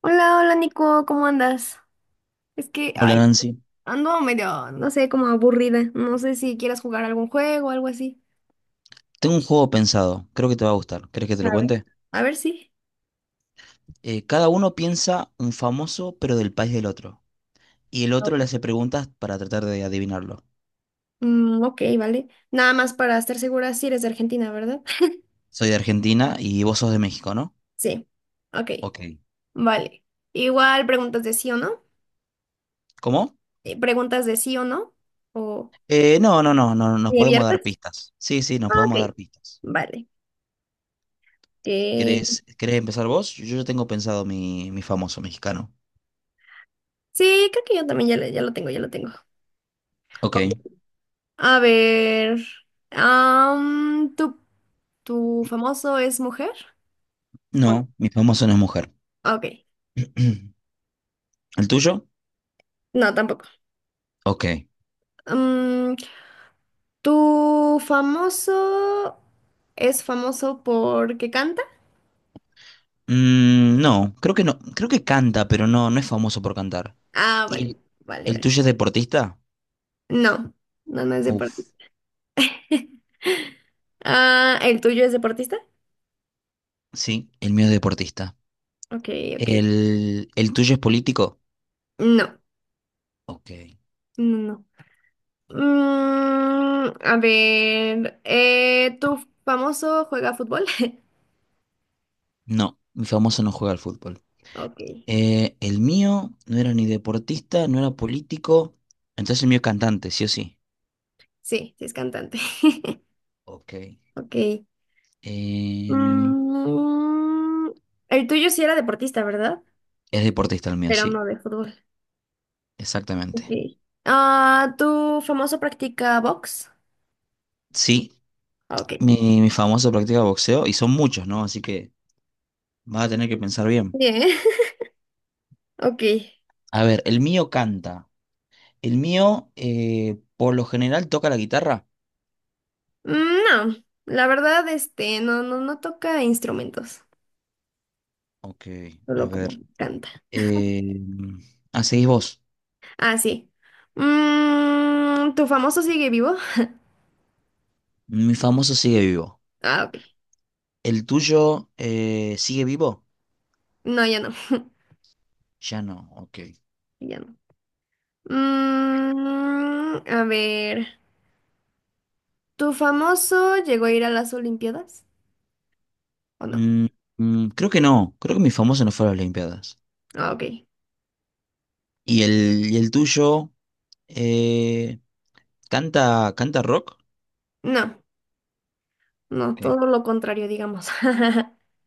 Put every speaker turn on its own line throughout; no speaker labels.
Hola, hola Nico, ¿cómo andas? Es que,
Hola
ay,
Nancy,
ando medio, no sé, como aburrida. No sé si quieras jugar algún juego o algo así.
tengo un juego pensado, creo que te va a gustar. ¿Querés que te lo
A ver.
cuente?
A ver sí.
Cada uno piensa un famoso, pero del país del otro. Y el
Ok.
otro le hace preguntas para tratar de adivinarlo.
Ok, vale. Nada más para estar segura si eres de Argentina, ¿verdad?
Soy de Argentina y vos sos de México, ¿no?
Sí. Ok,
Ok.
vale. Igual preguntas de sí o no.
¿Cómo?
Preguntas de sí o no. O
No, no, no, no, nos
¿y
podemos dar
abiertas?
pistas. Sí, sí, nos
Ah,
podemos
ok,
dar pistas.
vale. Ok.
¿Querés empezar vos? Yo ya tengo pensado mi famoso mexicano.
Sí, creo que yo también ya, ya lo tengo, ya lo tengo.
Ok.
Ok. A ver. Am, ¿tú ¿Tu famoso es mujer? ¿O
No, mi famoso no es mujer.
no? Ok,
¿El tuyo?
no, tampoco.
Ok.
Mm, ¿Tu famoso es famoso porque canta?
Mm, no, creo que no, creo que canta, pero no, no es famoso por cantar.
Ah,
¿Y
vale,
el,
vale,
el
vale.
tuyo es deportista?
No, no, no es
Uf,
deportista. Ah, ¿el tuyo es deportista?
sí, el mío es deportista.
Ok, ok.
¿ El tuyo es político?
No,
Ok.
no, no. ¿Tu famoso juega fútbol?
No, mi famoso no juega al fútbol.
Ok,
El mío no era ni deportista, no era político, entonces el mío es cantante, sí o sí.
sí, sí es cantante.
Ok.
Ok.
Em,
Mm, el tuyo sí era deportista, ¿verdad?
es deportista el mío,
Pero
sí,
no de fútbol.
exactamente.
Ok. Ah, ¿tu famoso practica box?
Sí,
Ah, ok.
mi famoso practica boxeo y son muchos, ¿no? Así que vas a tener que pensar bien.
Bien. Ok.
A ver, el mío canta. El mío, por lo general, toca la guitarra.
Mm, no, la verdad, este, no, no, no toca instrumentos.
Ok, a
Solo como
ver.
canta.
Eh, Seguís vos.
Ah, sí. ¿Tu famoso sigue vivo?
Mi famoso sigue vivo.
Ah, ok.
¿El tuyo sigue vivo?
No, ya no.
Ya no, ok.
Ya no. A ver. ¿Tu famoso llegó a ir a las Olimpiadas? ¿O no?
Mm, Creo que no. Creo que mi famoso no fue a las Olimpiadas.
Ah, ok.
¿ Y el tuyo eh, canta rock?
No, no,
Ok.
todo lo contrario, digamos.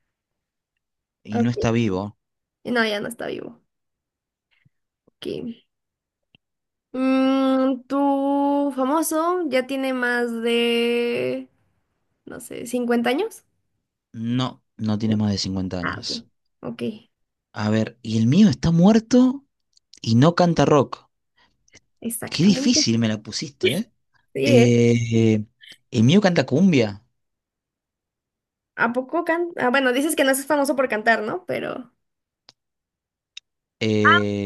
¿Y no
Ok,
está vivo?
no, ya no está vivo. Ok. ¿Tu famoso ya tiene más de, no sé, 50 años?
No, no
No.
tiene más de 50
Ah, ok.
años.
Ok,
A ver, ¿y el mío está muerto y no canta rock? Qué
exactamente.
difícil me la pusiste, ¿eh?
Sí, ¿eh?
Eh, eh, el mío canta cumbia.
¿A poco canta? Ah, bueno, dices que no es famoso por cantar, ¿no? Pero.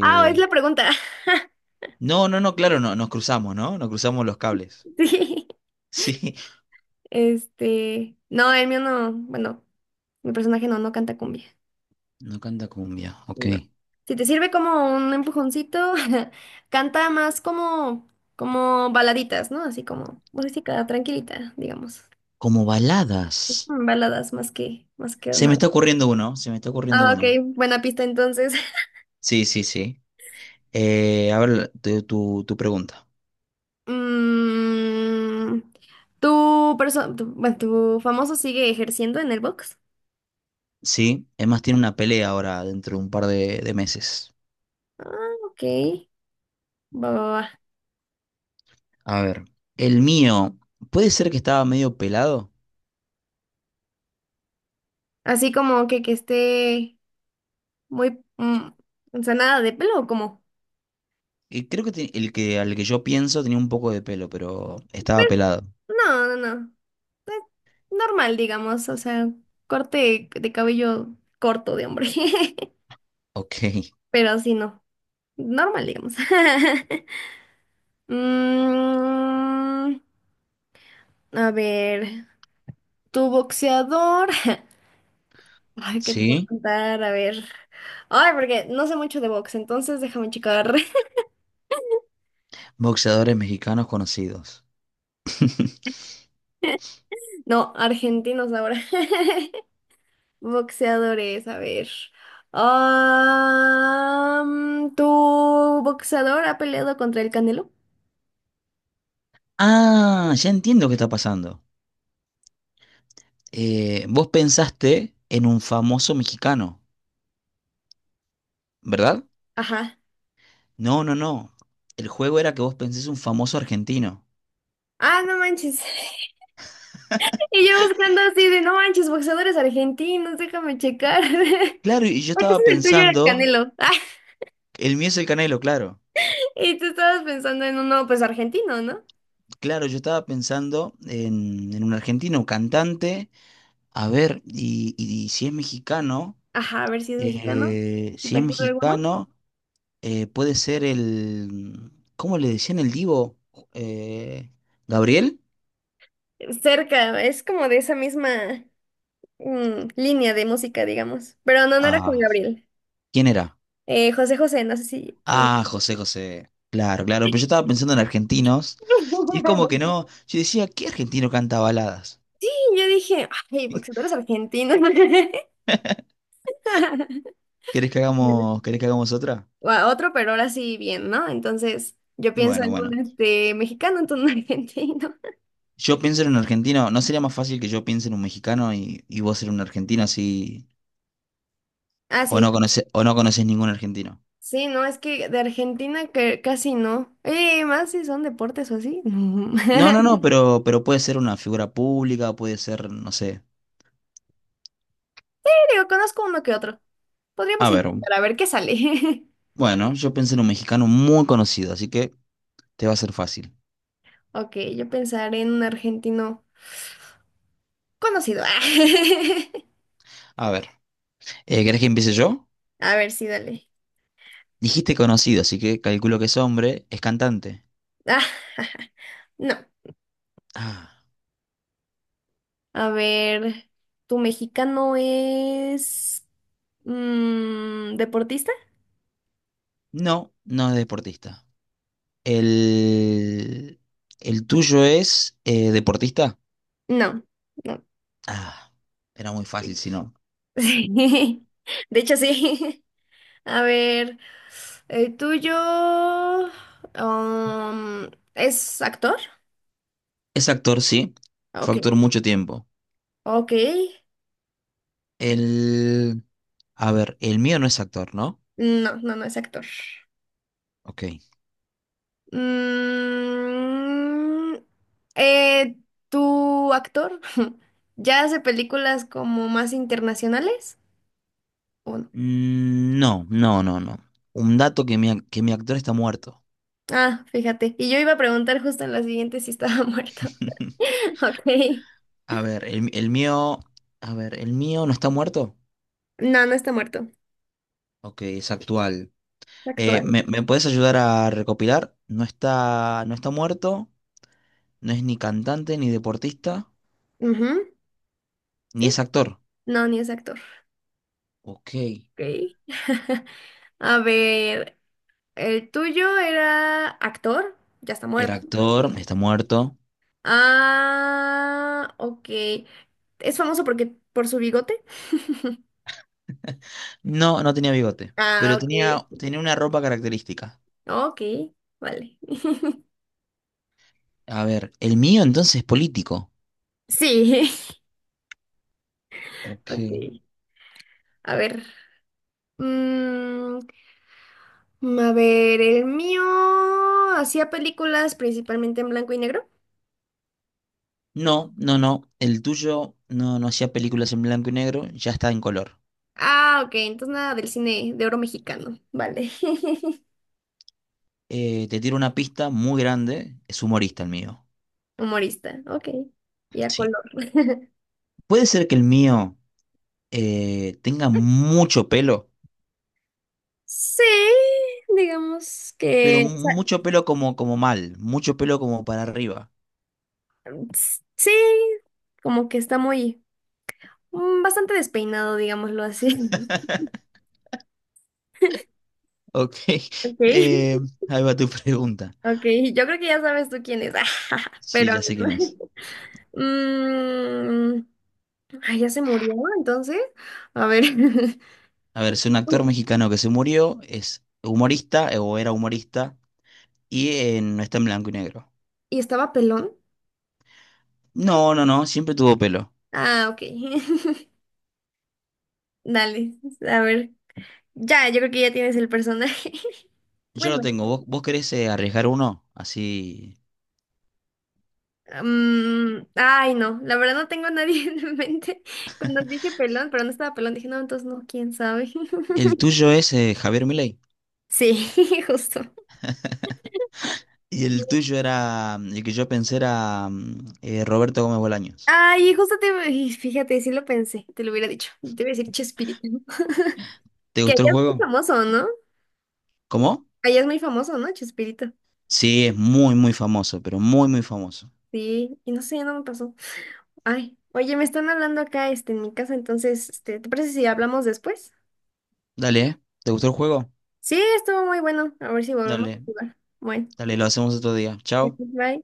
Ah, es la pregunta.
no, claro, nos cruzamos, ¿no? Nos cruzamos los cables.
Sí.
Sí,
Este. No, el mío no. Bueno, mi personaje no, no canta cumbia.
no canta cumbia, ok.
No. Si te sirve como un empujoncito, canta más como, como baladitas, ¿no? Así como música tranquilita, digamos.
Como baladas.
Baladas más que
Se me
nada.
está ocurriendo uno, se me está ocurriendo
Ah,
uno.
ok, buena pista entonces.
Sí, sí, sí. A ver, tu pregunta.
Mm, tu, bueno, tu famoso sigue ejerciendo en el box?
Sí, es más, tiene una pelea ahora dentro de un par de meses.
Ok, va, va, va.
A ver, el mío, ¿puede ser que estaba medio pelado?
Así como que esté muy, o sea, nada de pelo, como...
Y creo que el que al que yo pienso tenía un poco de pelo, pero estaba
Pues,
pelado.
no, no, no. Normal, digamos, o sea, corte de cabello corto de hombre,
Ok,
pero sí, no, normal, digamos. Mm, a ver, tu boxeador, ay, ¿qué te puedo
sí.
contar? A ver, ay, porque no sé mucho de box, entonces déjame checar.
Boxeadores mexicanos conocidos.
No, argentinos ahora. Boxeadores, a ver. Ah, ¿tu boxeador ha peleado contra el Canelo?
Ah, ya entiendo qué está pasando. Vos pensaste en un famoso mexicano, ¿verdad?
Ajá.
No, no, no. El juego era que vos pensés un famoso argentino.
Ah, no manches. Y yo buscando así de, no manches, boxeadores argentinos, déjame checar.
Claro, y yo
Entonces
estaba
el tuyo era el
pensando,
Canelo.
el mío es el Canelo, claro.
Y tú estabas pensando en uno, pues argentino, ¿no?
Claro, yo estaba pensando en un argentino, un cantante. A ver, y si es mexicano,
Ajá, a ver si es mexicano. ¿No
Si
¿Te
es
acuerdas de alguno?
mexicano, puede ser el... ¿Cómo le decían el divo? Eh, ¿Gabriel?
Cerca, es como de esa misma línea de música, digamos. Pero no, no era Juan
Ah,
Gabriel.
¿quién era?
José José, no sé si...
Ah, José José. Claro, claro, pero yo estaba pensando en argentinos. Y es como que no... Yo decía, ¿qué argentino canta baladas?
Y yo dije, ay, boxeadores argentinos. Bueno,
¿Querés que hagamos otra?
o a otro, pero ahora sí bien, ¿no? Entonces, yo pienso
Bueno,
en un
bueno.
este, mexicano, entonces un argentino.
Yo pienso en un argentino. ¿No sería más fácil que yo piense en un mexicano y vos en un argentino así...
Ah, sí.
O no conoces ningún argentino?
Sí, no, es que de Argentina que casi no. Más si son deportes o así. No.
No, no, no, pero puede ser una figura pública, puede ser, no sé.
Sí, digo, conozco uno que otro.
A
Podríamos
ver,
intentar a ver qué sale.
bueno, yo pensé en un mexicano muy conocido, así que te va a ser fácil.
Ok, yo pensaré en un argentino conocido.
A ver, ¿querés que empiece yo?
A ver, sí, dale.
Dijiste conocido, así que calculo que es hombre, es cantante.
Ah, no.
Ah,
A ver, ¿tu mexicano es deportista?
no, no es deportista. El, el tuyo es deportista.
No. No.
Ah, era muy fácil, si no.
Sí, de hecho sí. A ver, el tuyo ¿es actor?
Es actor, sí. Fue
Ok,
actor mucho tiempo.
ok.
El, a ver, el mío no es actor, ¿no?
No, no, no es actor.
Ok.
Mm, eh, ¿Tu actor ya hace películas como más internacionales? ¿O no?
Mm, no, no, no, no. Un dato que que mi actor está muerto.
Ah, fíjate. Y yo iba a preguntar justo en la siguiente si estaba muerto. Ok.
A ver, el mío. A ver, ¿el mío no está muerto?
No, no está muerto.
Ok, es actual.
Está actual.
¿Me puedes ayudar a recopilar? No está muerto, no es ni cantante, ni deportista,
Ujú,
ni es
sí.
actor.
No, ni es actor.
Ok.
Ok. A ver, el tuyo era actor, ya está
Era
muerto.
actor, está muerto.
Ah, ok. ¿Es famoso porque por su bigote?
No, no tenía bigote,
Ah,
pero tenía,
ok.
tenía una ropa característica.
Ok, vale.
A ver, ¿el mío entonces es político?
Sí.
Ok.
Ok. A ver. Mm, a ver, el mío hacía películas principalmente en blanco y negro.
No, no, no. El tuyo no, no hacía películas en blanco y negro, ya está en color.
Ah, ok, entonces nada del cine de oro mexicano. Vale.
Te tiro una pista muy grande. Es humorista el mío.
Humorista, ok. Y a
Sí.
color.
Puede ser que el mío tenga mucho pelo,
Sí, digamos
pero
que, o sea,
mucho pelo como mucho pelo como para arriba.
sí, como que está muy, bastante despeinado, digámoslo así.
Ok.
Ok,
eh, Ahí va tu pregunta.
ok, yo creo que ya sabes tú quién es,
Sí,
pero a
ya
ver.
sé quién es.
Mm, ay, ya se murió, entonces, a ver.
A ver, es un actor mexicano que se murió, es humorista o era humorista y no está en blanco y negro.
¿Y estaba pelón?
No, no, no, siempre tuvo pelo.
Ah, ok. Dale, a ver. Ya, yo creo que ya tienes el personaje.
Yo lo
Bueno.
tengo. ¿Vos querés arriesgar uno? Así.
Ay, no, la verdad no tengo a nadie en mente. Cuando dije pelón, pero no estaba pelón, dije, no, entonces no, quién sabe.
El tuyo es Javier Milei.
Sí, justo.
Y el tuyo era. Mm, el que yo pensé era Roberto Gómez Bolaños.
Ay, justo te, y fíjate, sí lo pensé, te lo hubiera dicho. Te iba a decir Chespirito. ¿No?
¿Te
Que
gustó el
allá es muy
juego?
famoso, ¿no?
¿Cómo?
Allá es muy famoso, ¿no? Chespirito.
Sí, es muy, muy famoso, pero muy, muy famoso.
Sí, y no sé, no me pasó. Ay, oye, me están hablando acá, este, en mi casa, entonces, este, ¿te parece si hablamos después?
Dale, ¿eh? ¿Te gustó el juego?
Sí, estuvo muy bueno. A ver si volvemos a
Dale,
jugar. Bueno,
dale, lo hacemos otro día. Chao.
bye.